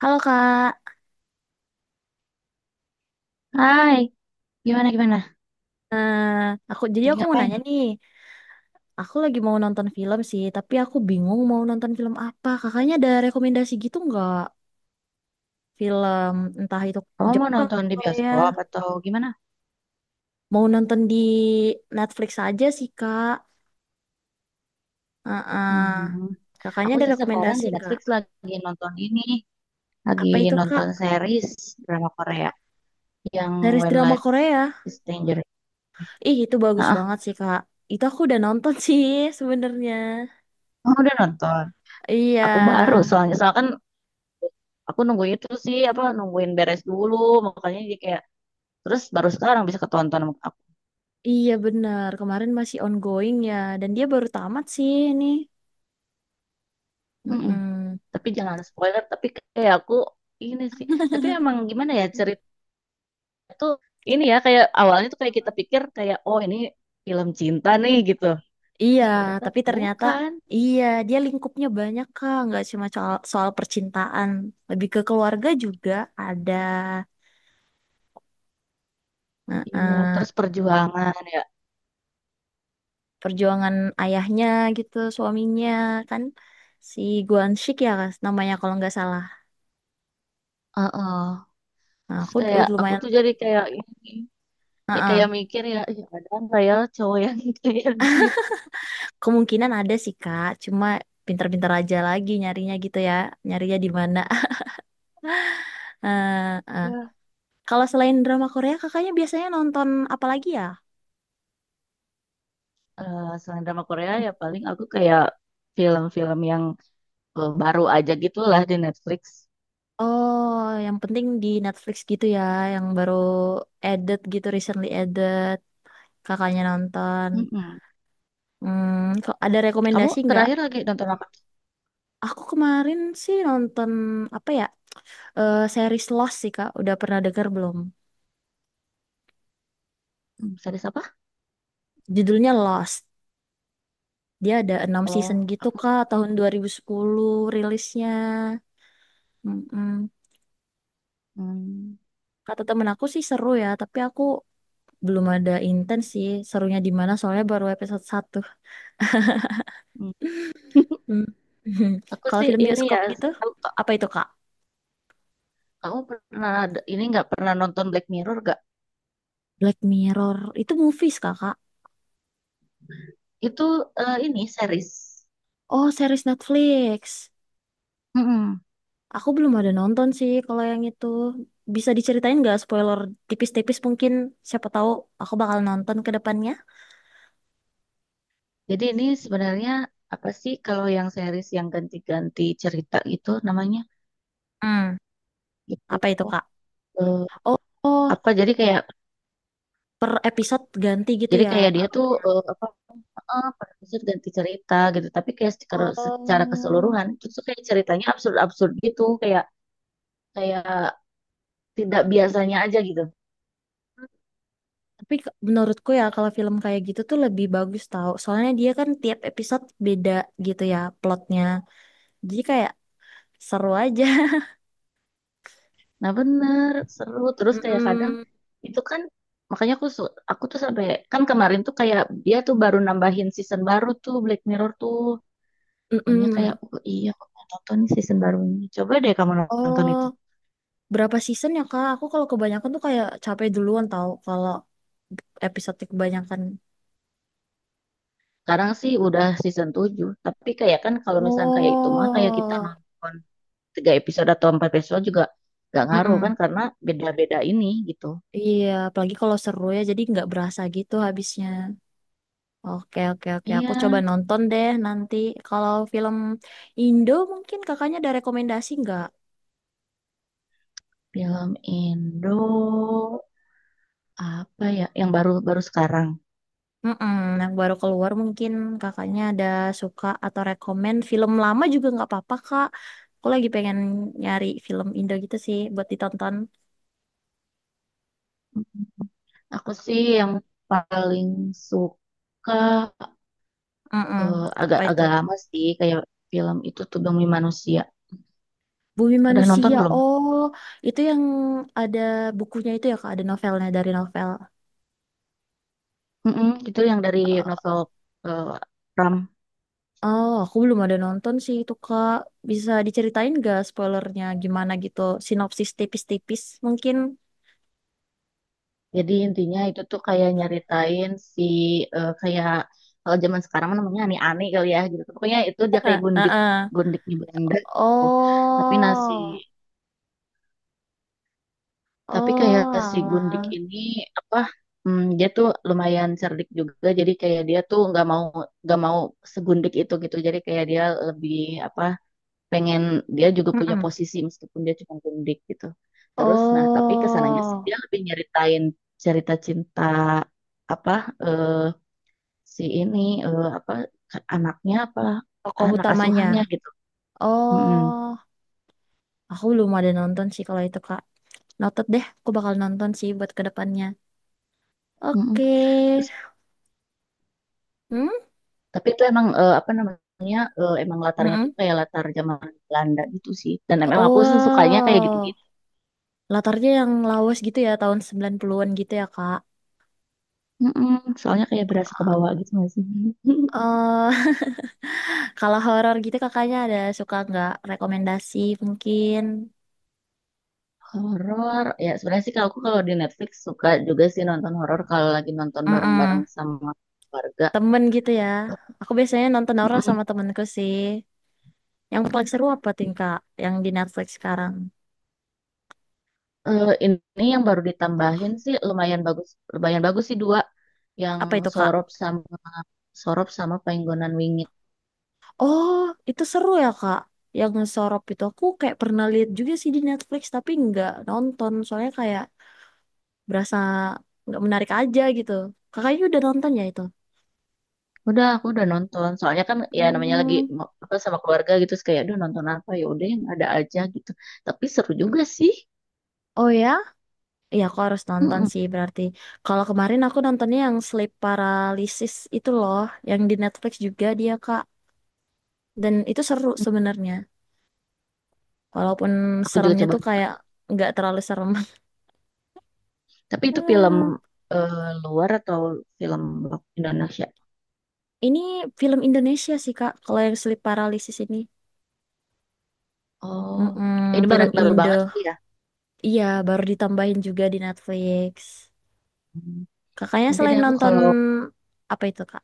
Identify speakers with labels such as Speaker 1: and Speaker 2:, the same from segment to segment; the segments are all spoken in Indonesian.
Speaker 1: Halo Kak.
Speaker 2: Hai, gimana gimana?
Speaker 1: Eh, aku jadi
Speaker 2: Lagi
Speaker 1: aku mau
Speaker 2: ngapain
Speaker 1: nanya
Speaker 2: nih?
Speaker 1: nih. Aku lagi mau nonton film sih, tapi aku bingung mau nonton film apa. Kakaknya ada rekomendasi gitu nggak? Film entah itu
Speaker 2: Kamu mau
Speaker 1: Jepang,
Speaker 2: nonton di
Speaker 1: Korea.
Speaker 2: bioskop atau gimana?
Speaker 1: Mau nonton di Netflix aja sih Kak. Heeh.
Speaker 2: Hmm,
Speaker 1: Kakaknya
Speaker 2: aku
Speaker 1: ada
Speaker 2: sih sekarang
Speaker 1: rekomendasi
Speaker 2: di
Speaker 1: nggak?
Speaker 2: Netflix lagi nonton ini, lagi
Speaker 1: Apa itu Kak?
Speaker 2: nonton series drama Korea yang
Speaker 1: Series
Speaker 2: When
Speaker 1: drama
Speaker 2: Life
Speaker 1: Korea.
Speaker 2: is Stranger.
Speaker 1: Ih, itu bagus
Speaker 2: Ah,
Speaker 1: banget sih Kak. Itu aku udah nonton sih sebenarnya.
Speaker 2: kamu udah nonton?
Speaker 1: Iya.
Speaker 2: Aku baru soalnya soalnya kan aku nunggu itu sih apa nungguin beres dulu makanya jadi kayak terus baru sekarang bisa ketonton sama aku.
Speaker 1: Iya benar, kemarin masih ongoing ya, dan dia baru tamat sih ini.
Speaker 2: Mm-mm.
Speaker 1: Mm-mm.
Speaker 2: Tapi jangan spoiler, tapi kayak aku ini sih. Tapi emang gimana ya tuh ini ya kayak awalnya tuh kayak kita pikir kayak, oh, ini film cinta nih gitu.
Speaker 1: Iya,
Speaker 2: Eh ternyata
Speaker 1: tapi ternyata
Speaker 2: bukan.
Speaker 1: iya dia lingkupnya banyak kak, nggak cuma soal percintaan, lebih ke keluarga juga ada.
Speaker 2: Iya,
Speaker 1: Heeh,
Speaker 2: terus perjuangan ya.
Speaker 1: perjuangan ayahnya gitu, suaminya kan si Guan Shik ya Kak, namanya kalau nggak salah.
Speaker 2: Heeh.
Speaker 1: Nah,
Speaker 2: Terus kayak aku
Speaker 1: lumayan.
Speaker 2: tuh jadi kayak ini ya
Speaker 1: Heeh,
Speaker 2: kayak mikir ya, "Ih, ada nggak ya cowok yang kayak gitu."
Speaker 1: kemungkinan ada sih kak, cuma pintar-pintar aja lagi nyarinya gitu ya, nyarinya di mana. Heeh.
Speaker 2: Ya,
Speaker 1: Kalau selain drama Korea, kakaknya biasanya nonton apa lagi ya?
Speaker 2: selain drama Korea ya paling aku kayak film-film yang baru aja gitulah di Netflix.
Speaker 1: Oh, yang penting di Netflix gitu ya, yang baru added gitu, recently added. Kakaknya nonton.
Speaker 2: Mm-mm.
Speaker 1: Hmm, kok ada
Speaker 2: Kamu
Speaker 1: rekomendasi nggak?
Speaker 2: terakhir lagi nonton apa?
Speaker 1: Aku kemarin sih nonton apa ya? Series Lost sih Kak, udah pernah denger belum?
Speaker 2: Series apa?
Speaker 1: Judulnya Lost. Dia ada enam
Speaker 2: Oh,
Speaker 1: season gitu
Speaker 2: aku.
Speaker 1: Kak, tahun 2010 rilisnya. Mm-mm.
Speaker 2: Hmm.
Speaker 1: Kata temen aku sih seru ya, tapi aku belum ada intens sih serunya di mana soalnya baru episode 1.
Speaker 2: Hmm.
Speaker 1: Hmm.
Speaker 2: Aku
Speaker 1: Kalau
Speaker 2: sih
Speaker 1: film
Speaker 2: ini ya,
Speaker 1: bioskop gitu
Speaker 2: tahu kak,
Speaker 1: apa itu kak?
Speaker 2: kamu pernah ini nggak pernah nonton Black Mirror gak?
Speaker 1: Black Mirror itu movies kakak?
Speaker 2: Itu ini series.
Speaker 1: Oh series Netflix,
Speaker 2: Mm-mm.
Speaker 1: aku belum ada nonton sih kalau yang itu. Bisa diceritain nggak spoiler tipis-tipis mungkin, siapa tahu aku bakal nonton ke depannya.
Speaker 2: Jadi ini sebenarnya apa sih kalau yang series yang ganti-ganti cerita gitu namanya?
Speaker 1: Hmm.
Speaker 2: Gitu.
Speaker 1: Apa itu
Speaker 2: Oh,
Speaker 1: kak?
Speaker 2: eh,
Speaker 1: Oh, oh,
Speaker 2: apa jadi kayak
Speaker 1: per episode ganti gitu ya.
Speaker 2: dia tuh apa per episode ganti cerita gitu. Tapi kayak secara
Speaker 1: Oh.
Speaker 2: keseluruhan itu tuh kayak ceritanya absurd-absurd gitu kayak kayak tidak biasanya aja gitu.
Speaker 1: Tapi menurutku ya kalau film kayak gitu tuh lebih bagus tau. Soalnya dia kan tiap episode beda gitu ya plotnya. Jadi kayak seru aja.
Speaker 2: Nah bener, seru. Terus kayak kadang
Speaker 1: Mm-mm.
Speaker 2: itu kan makanya aku tuh sampai kan kemarin tuh kayak dia tuh baru nambahin season baru tuh Black Mirror tuh. Makanya kayak,
Speaker 1: Mm-mm.
Speaker 2: oh iya, aku mau nonton nih season barunya. Coba deh kamu nonton itu.
Speaker 1: Oh, berapa season ya Kak? Aku kalau kebanyakan tuh kayak capek duluan tau kalau episode kebanyakan.
Speaker 2: Sekarang sih udah season 7 tapi kayak kan kalau misalnya kayak itu mah kayak kita
Speaker 1: Oh.
Speaker 2: nonton 3 episode atau 4 episode juga gak ngaruh
Speaker 1: Mm-mm.
Speaker 2: kan karena beda-beda ini gitu.
Speaker 1: Iya, apalagi kalau seru ya jadi nggak berasa gitu habisnya. Oke, oke, oke. Aku coba
Speaker 2: Iya,
Speaker 1: nonton deh nanti. Kalau film Indo mungkin kakaknya ada rekomendasi nggak?
Speaker 2: film Indo apa ya yang baru-baru sekarang.
Speaker 1: Mm-mm, yang baru keluar mungkin kakaknya ada suka atau rekomen film lama juga nggak apa-apa kak. Aku lagi pengen nyari film Indo gitu sih buat ditonton.
Speaker 2: Aku sih yang paling suka
Speaker 1: Mm-mm. Apa itu?
Speaker 2: agak-agak lama sih kayak film itu tuh Bumi Manusia.
Speaker 1: Bumi
Speaker 2: Udah nonton
Speaker 1: Manusia.
Speaker 2: belum?
Speaker 1: Oh, itu yang ada bukunya itu ya kak, ada novelnya dari novel.
Speaker 2: Itu yang dari novel eh, Ram.
Speaker 1: Oh, aku belum ada nonton sih itu kak. Bisa diceritain gak spoilernya gimana gitu? Sinopsis tipis-tipis mungkin.
Speaker 2: Jadi intinya itu tuh kayak nyeritain si kayak kalau zaman sekarang mah namanya ani-ani kali ya gitu. Pokoknya itu dia kayak gundik
Speaker 1: Heeh.
Speaker 2: gundiknya Belanda gitu. Tapi nasi
Speaker 1: Oh,
Speaker 2: Tapi kayak
Speaker 1: oh,
Speaker 2: si Gundik
Speaker 1: alah.
Speaker 2: ini apa, dia tuh lumayan cerdik juga jadi kayak dia tuh nggak mau segundik itu gitu, jadi kayak dia lebih apa pengen dia juga punya
Speaker 1: Mm-mm.
Speaker 2: posisi meskipun dia cuma gundik gitu, terus nah tapi kesananya sih
Speaker 1: Oh,
Speaker 2: dia lebih nyeritain cerita cinta apa eh, si ini apa anaknya apa
Speaker 1: tokoh
Speaker 2: anak
Speaker 1: utamanya.
Speaker 2: asuhannya gitu. Mm-mm.
Speaker 1: Oh, aku belum ada nonton sih kalau itu, Kak. Noted deh, aku bakal nonton sih buat kedepannya.
Speaker 2: Mm-mm.
Speaker 1: Oke.
Speaker 2: Terus
Speaker 1: Hmm?
Speaker 2: tapi itu emang apa namanya, emang latarnya tuh
Speaker 1: Mm-mm.
Speaker 2: kayak latar zaman Belanda gitu sih. Dan emang aku sih sukanya kayak
Speaker 1: Wow.
Speaker 2: gitu-gitu.
Speaker 1: Latarnya yang lawas gitu ya, tahun 90-an gitu ya, Kak.
Speaker 2: Mm-mm, soalnya kayak berasa ke bawah gitu nggak sih?
Speaker 1: Eh, kalau horor gitu kakaknya ada suka nggak rekomendasi mungkin.
Speaker 2: Horor. Ya sebenarnya sih kalau aku kalau di Netflix suka juga sih nonton horor kalau lagi nonton bareng-bareng
Speaker 1: Mm-mm.
Speaker 2: sama keluarga.
Speaker 1: Temen gitu ya. Aku biasanya nonton horor
Speaker 2: Mm-mm.
Speaker 1: sama temenku sih. Yang paling seru apa tingkah yang di Netflix sekarang?
Speaker 2: Ini yang baru ditambahin sih lumayan bagus sih dua yang
Speaker 1: Apa itu, Kak?
Speaker 2: sorop sama Sorop sama Penggonan Wingit.
Speaker 1: Oh, itu seru ya, Kak. Yang Sorop itu aku kayak pernah lihat juga sih di Netflix, tapi nggak nonton. Soalnya kayak berasa nggak menarik aja gitu. Kakaknya udah nonton ya itu?
Speaker 2: Udah, aku udah nonton. Soalnya kan ya namanya lagi
Speaker 1: Hmm.
Speaker 2: apa sama keluarga gitu, terus kayak aduh nonton apa ya udah yang ada aja gitu. Tapi seru juga sih.
Speaker 1: Oh ya? Iya, aku harus nonton
Speaker 2: Mm-mm.
Speaker 1: sih berarti. Kalau kemarin aku nontonnya yang Sleep Paralysis itu loh, yang di Netflix juga dia, Kak. Dan itu seru sebenarnya. Walaupun
Speaker 2: Aku juga
Speaker 1: seremnya
Speaker 2: coba
Speaker 1: tuh
Speaker 2: nonton.
Speaker 1: kayak nggak terlalu serem.
Speaker 2: Tapi itu film
Speaker 1: Hmm.
Speaker 2: eh, luar atau film Indonesia?
Speaker 1: Ini film Indonesia sih Kak, kalau yang sleep paralysis ini.
Speaker 2: Oh,
Speaker 1: Mm-mm,
Speaker 2: ini baru
Speaker 1: film
Speaker 2: baru banget
Speaker 1: Indo.
Speaker 2: lagi ya.
Speaker 1: Iya, baru ditambahin juga di Netflix.
Speaker 2: Hmm.
Speaker 1: Kakaknya
Speaker 2: Nanti
Speaker 1: selain
Speaker 2: deh aku
Speaker 1: nonton
Speaker 2: kalau
Speaker 1: apa itu, Kak?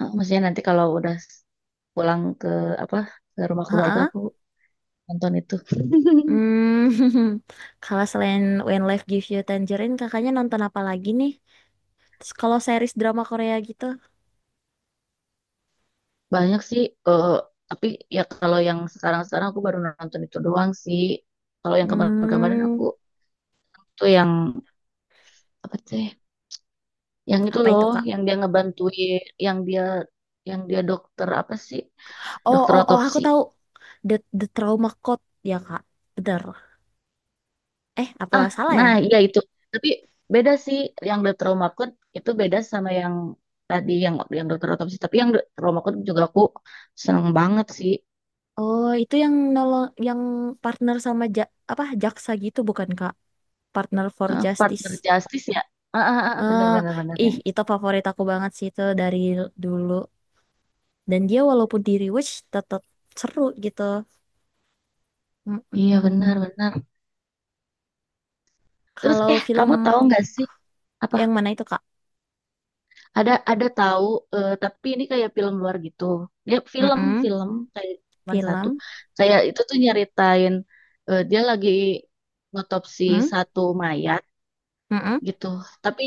Speaker 2: maksudnya nanti kalau udah pulang ke apa ke rumah keluarga
Speaker 1: Heeh.
Speaker 2: aku nonton itu.
Speaker 1: Hmm. Kalau selain When Life Gives You Tangerine, kakaknya nonton apa lagi nih? Terus kalau series drama Korea gitu.
Speaker 2: Banyak sih, eh, tapi ya kalau yang sekarang-sekarang aku baru nonton itu doang sih. Kalau yang kemarin-kemarin
Speaker 1: Hmm,
Speaker 2: aku tuh yang apa sih? Yang itu
Speaker 1: apa itu,
Speaker 2: loh,
Speaker 1: Kak?
Speaker 2: yang dia ngebantuin, yang dia dokter apa sih?
Speaker 1: Oh,
Speaker 2: Dokter
Speaker 1: oh, oh, aku
Speaker 2: otopsi.
Speaker 1: tahu. The The Trauma Code ya, Kak. Benar. Eh, apa
Speaker 2: Ah,
Speaker 1: salah ya?
Speaker 2: nah iya itu. Tapi beda sih yang dokter trauma code itu beda sama yang tadi yang dokter otopsi. Tapi yang The Trauma Code juga aku seneng banget sih.
Speaker 1: Oh, itu yang nolong yang partner sama apa jaksa gitu bukan, Kak? Partner for
Speaker 2: Eh,
Speaker 1: Justice.
Speaker 2: partner justice ya. Ah, ah, ah, ah, bener
Speaker 1: Eh,
Speaker 2: bener bener
Speaker 1: ih,
Speaker 2: yang itu.
Speaker 1: itu favorit aku banget sih itu dari dulu. Dan dia walaupun di rewatch tetap seru gitu.
Speaker 2: Iya benar
Speaker 1: Mm-mm.
Speaker 2: benar. Terus
Speaker 1: Kalau
Speaker 2: eh
Speaker 1: film
Speaker 2: kamu tahu nggak sih apa
Speaker 1: yang mana itu, Kak?
Speaker 2: ada tahu tapi ini kayak film luar gitu. Dia film
Speaker 1: Mm-mm.
Speaker 2: film kayak cuma satu.
Speaker 1: Film.
Speaker 2: Kayak itu tuh nyeritain, dia lagi otopsi
Speaker 1: Mm?
Speaker 2: satu mayat
Speaker 1: Mm-mm.
Speaker 2: gitu. Tapi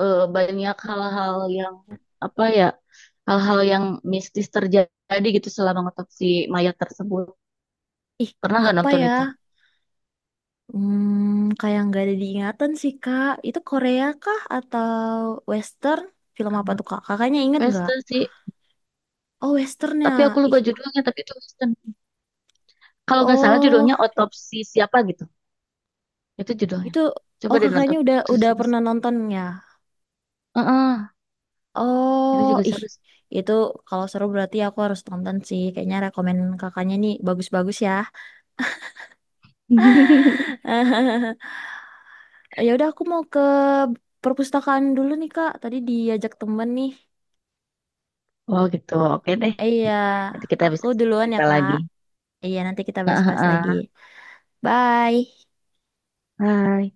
Speaker 2: banyak hal-hal yang apa ya hal-hal yang mistis terjadi gitu selama otopsi mayat tersebut.
Speaker 1: Ih,
Speaker 2: Pernah nggak
Speaker 1: apa
Speaker 2: nonton
Speaker 1: ya?
Speaker 2: itu?
Speaker 1: Hmm, kayak nggak ada diingatan sih, Kak. Itu Korea kah atau Western? Film apa tuh, Kak? Kakaknya inget nggak?
Speaker 2: Western sih.
Speaker 1: Oh, Westernnya.
Speaker 2: Tapi aku
Speaker 1: Ih,
Speaker 2: lupa judulnya, tapi itu Western. Kalau nggak salah
Speaker 1: oh,
Speaker 2: judulnya Otopsi Siapa gitu. Itu judulnya.
Speaker 1: itu.
Speaker 2: Coba
Speaker 1: Oh,
Speaker 2: deh
Speaker 1: kakaknya
Speaker 2: nonton.
Speaker 1: udah
Speaker 2: Itu
Speaker 1: udah
Speaker 2: seru.
Speaker 1: pernah nonton ya?
Speaker 2: Heeh, itu
Speaker 1: Oh,
Speaker 2: juga
Speaker 1: ih,
Speaker 2: seru sih.
Speaker 1: itu kalau seru berarti aku harus tonton sih. Kayaknya rekomen kakaknya nih bagus-bagus ya. Ya udah aku mau ke perpustakaan dulu nih Kak. Tadi diajak temen nih.
Speaker 2: Oh gitu, oke deh.
Speaker 1: Iya,
Speaker 2: Nanti kita
Speaker 1: aku
Speaker 2: bisa
Speaker 1: duluan ya
Speaker 2: cerita
Speaker 1: Kak.
Speaker 2: lagi.
Speaker 1: Iya, nanti kita
Speaker 2: Heeh,
Speaker 1: bahas-bahas lagi.
Speaker 2: heeh.
Speaker 1: Bye.
Speaker 2: Bye.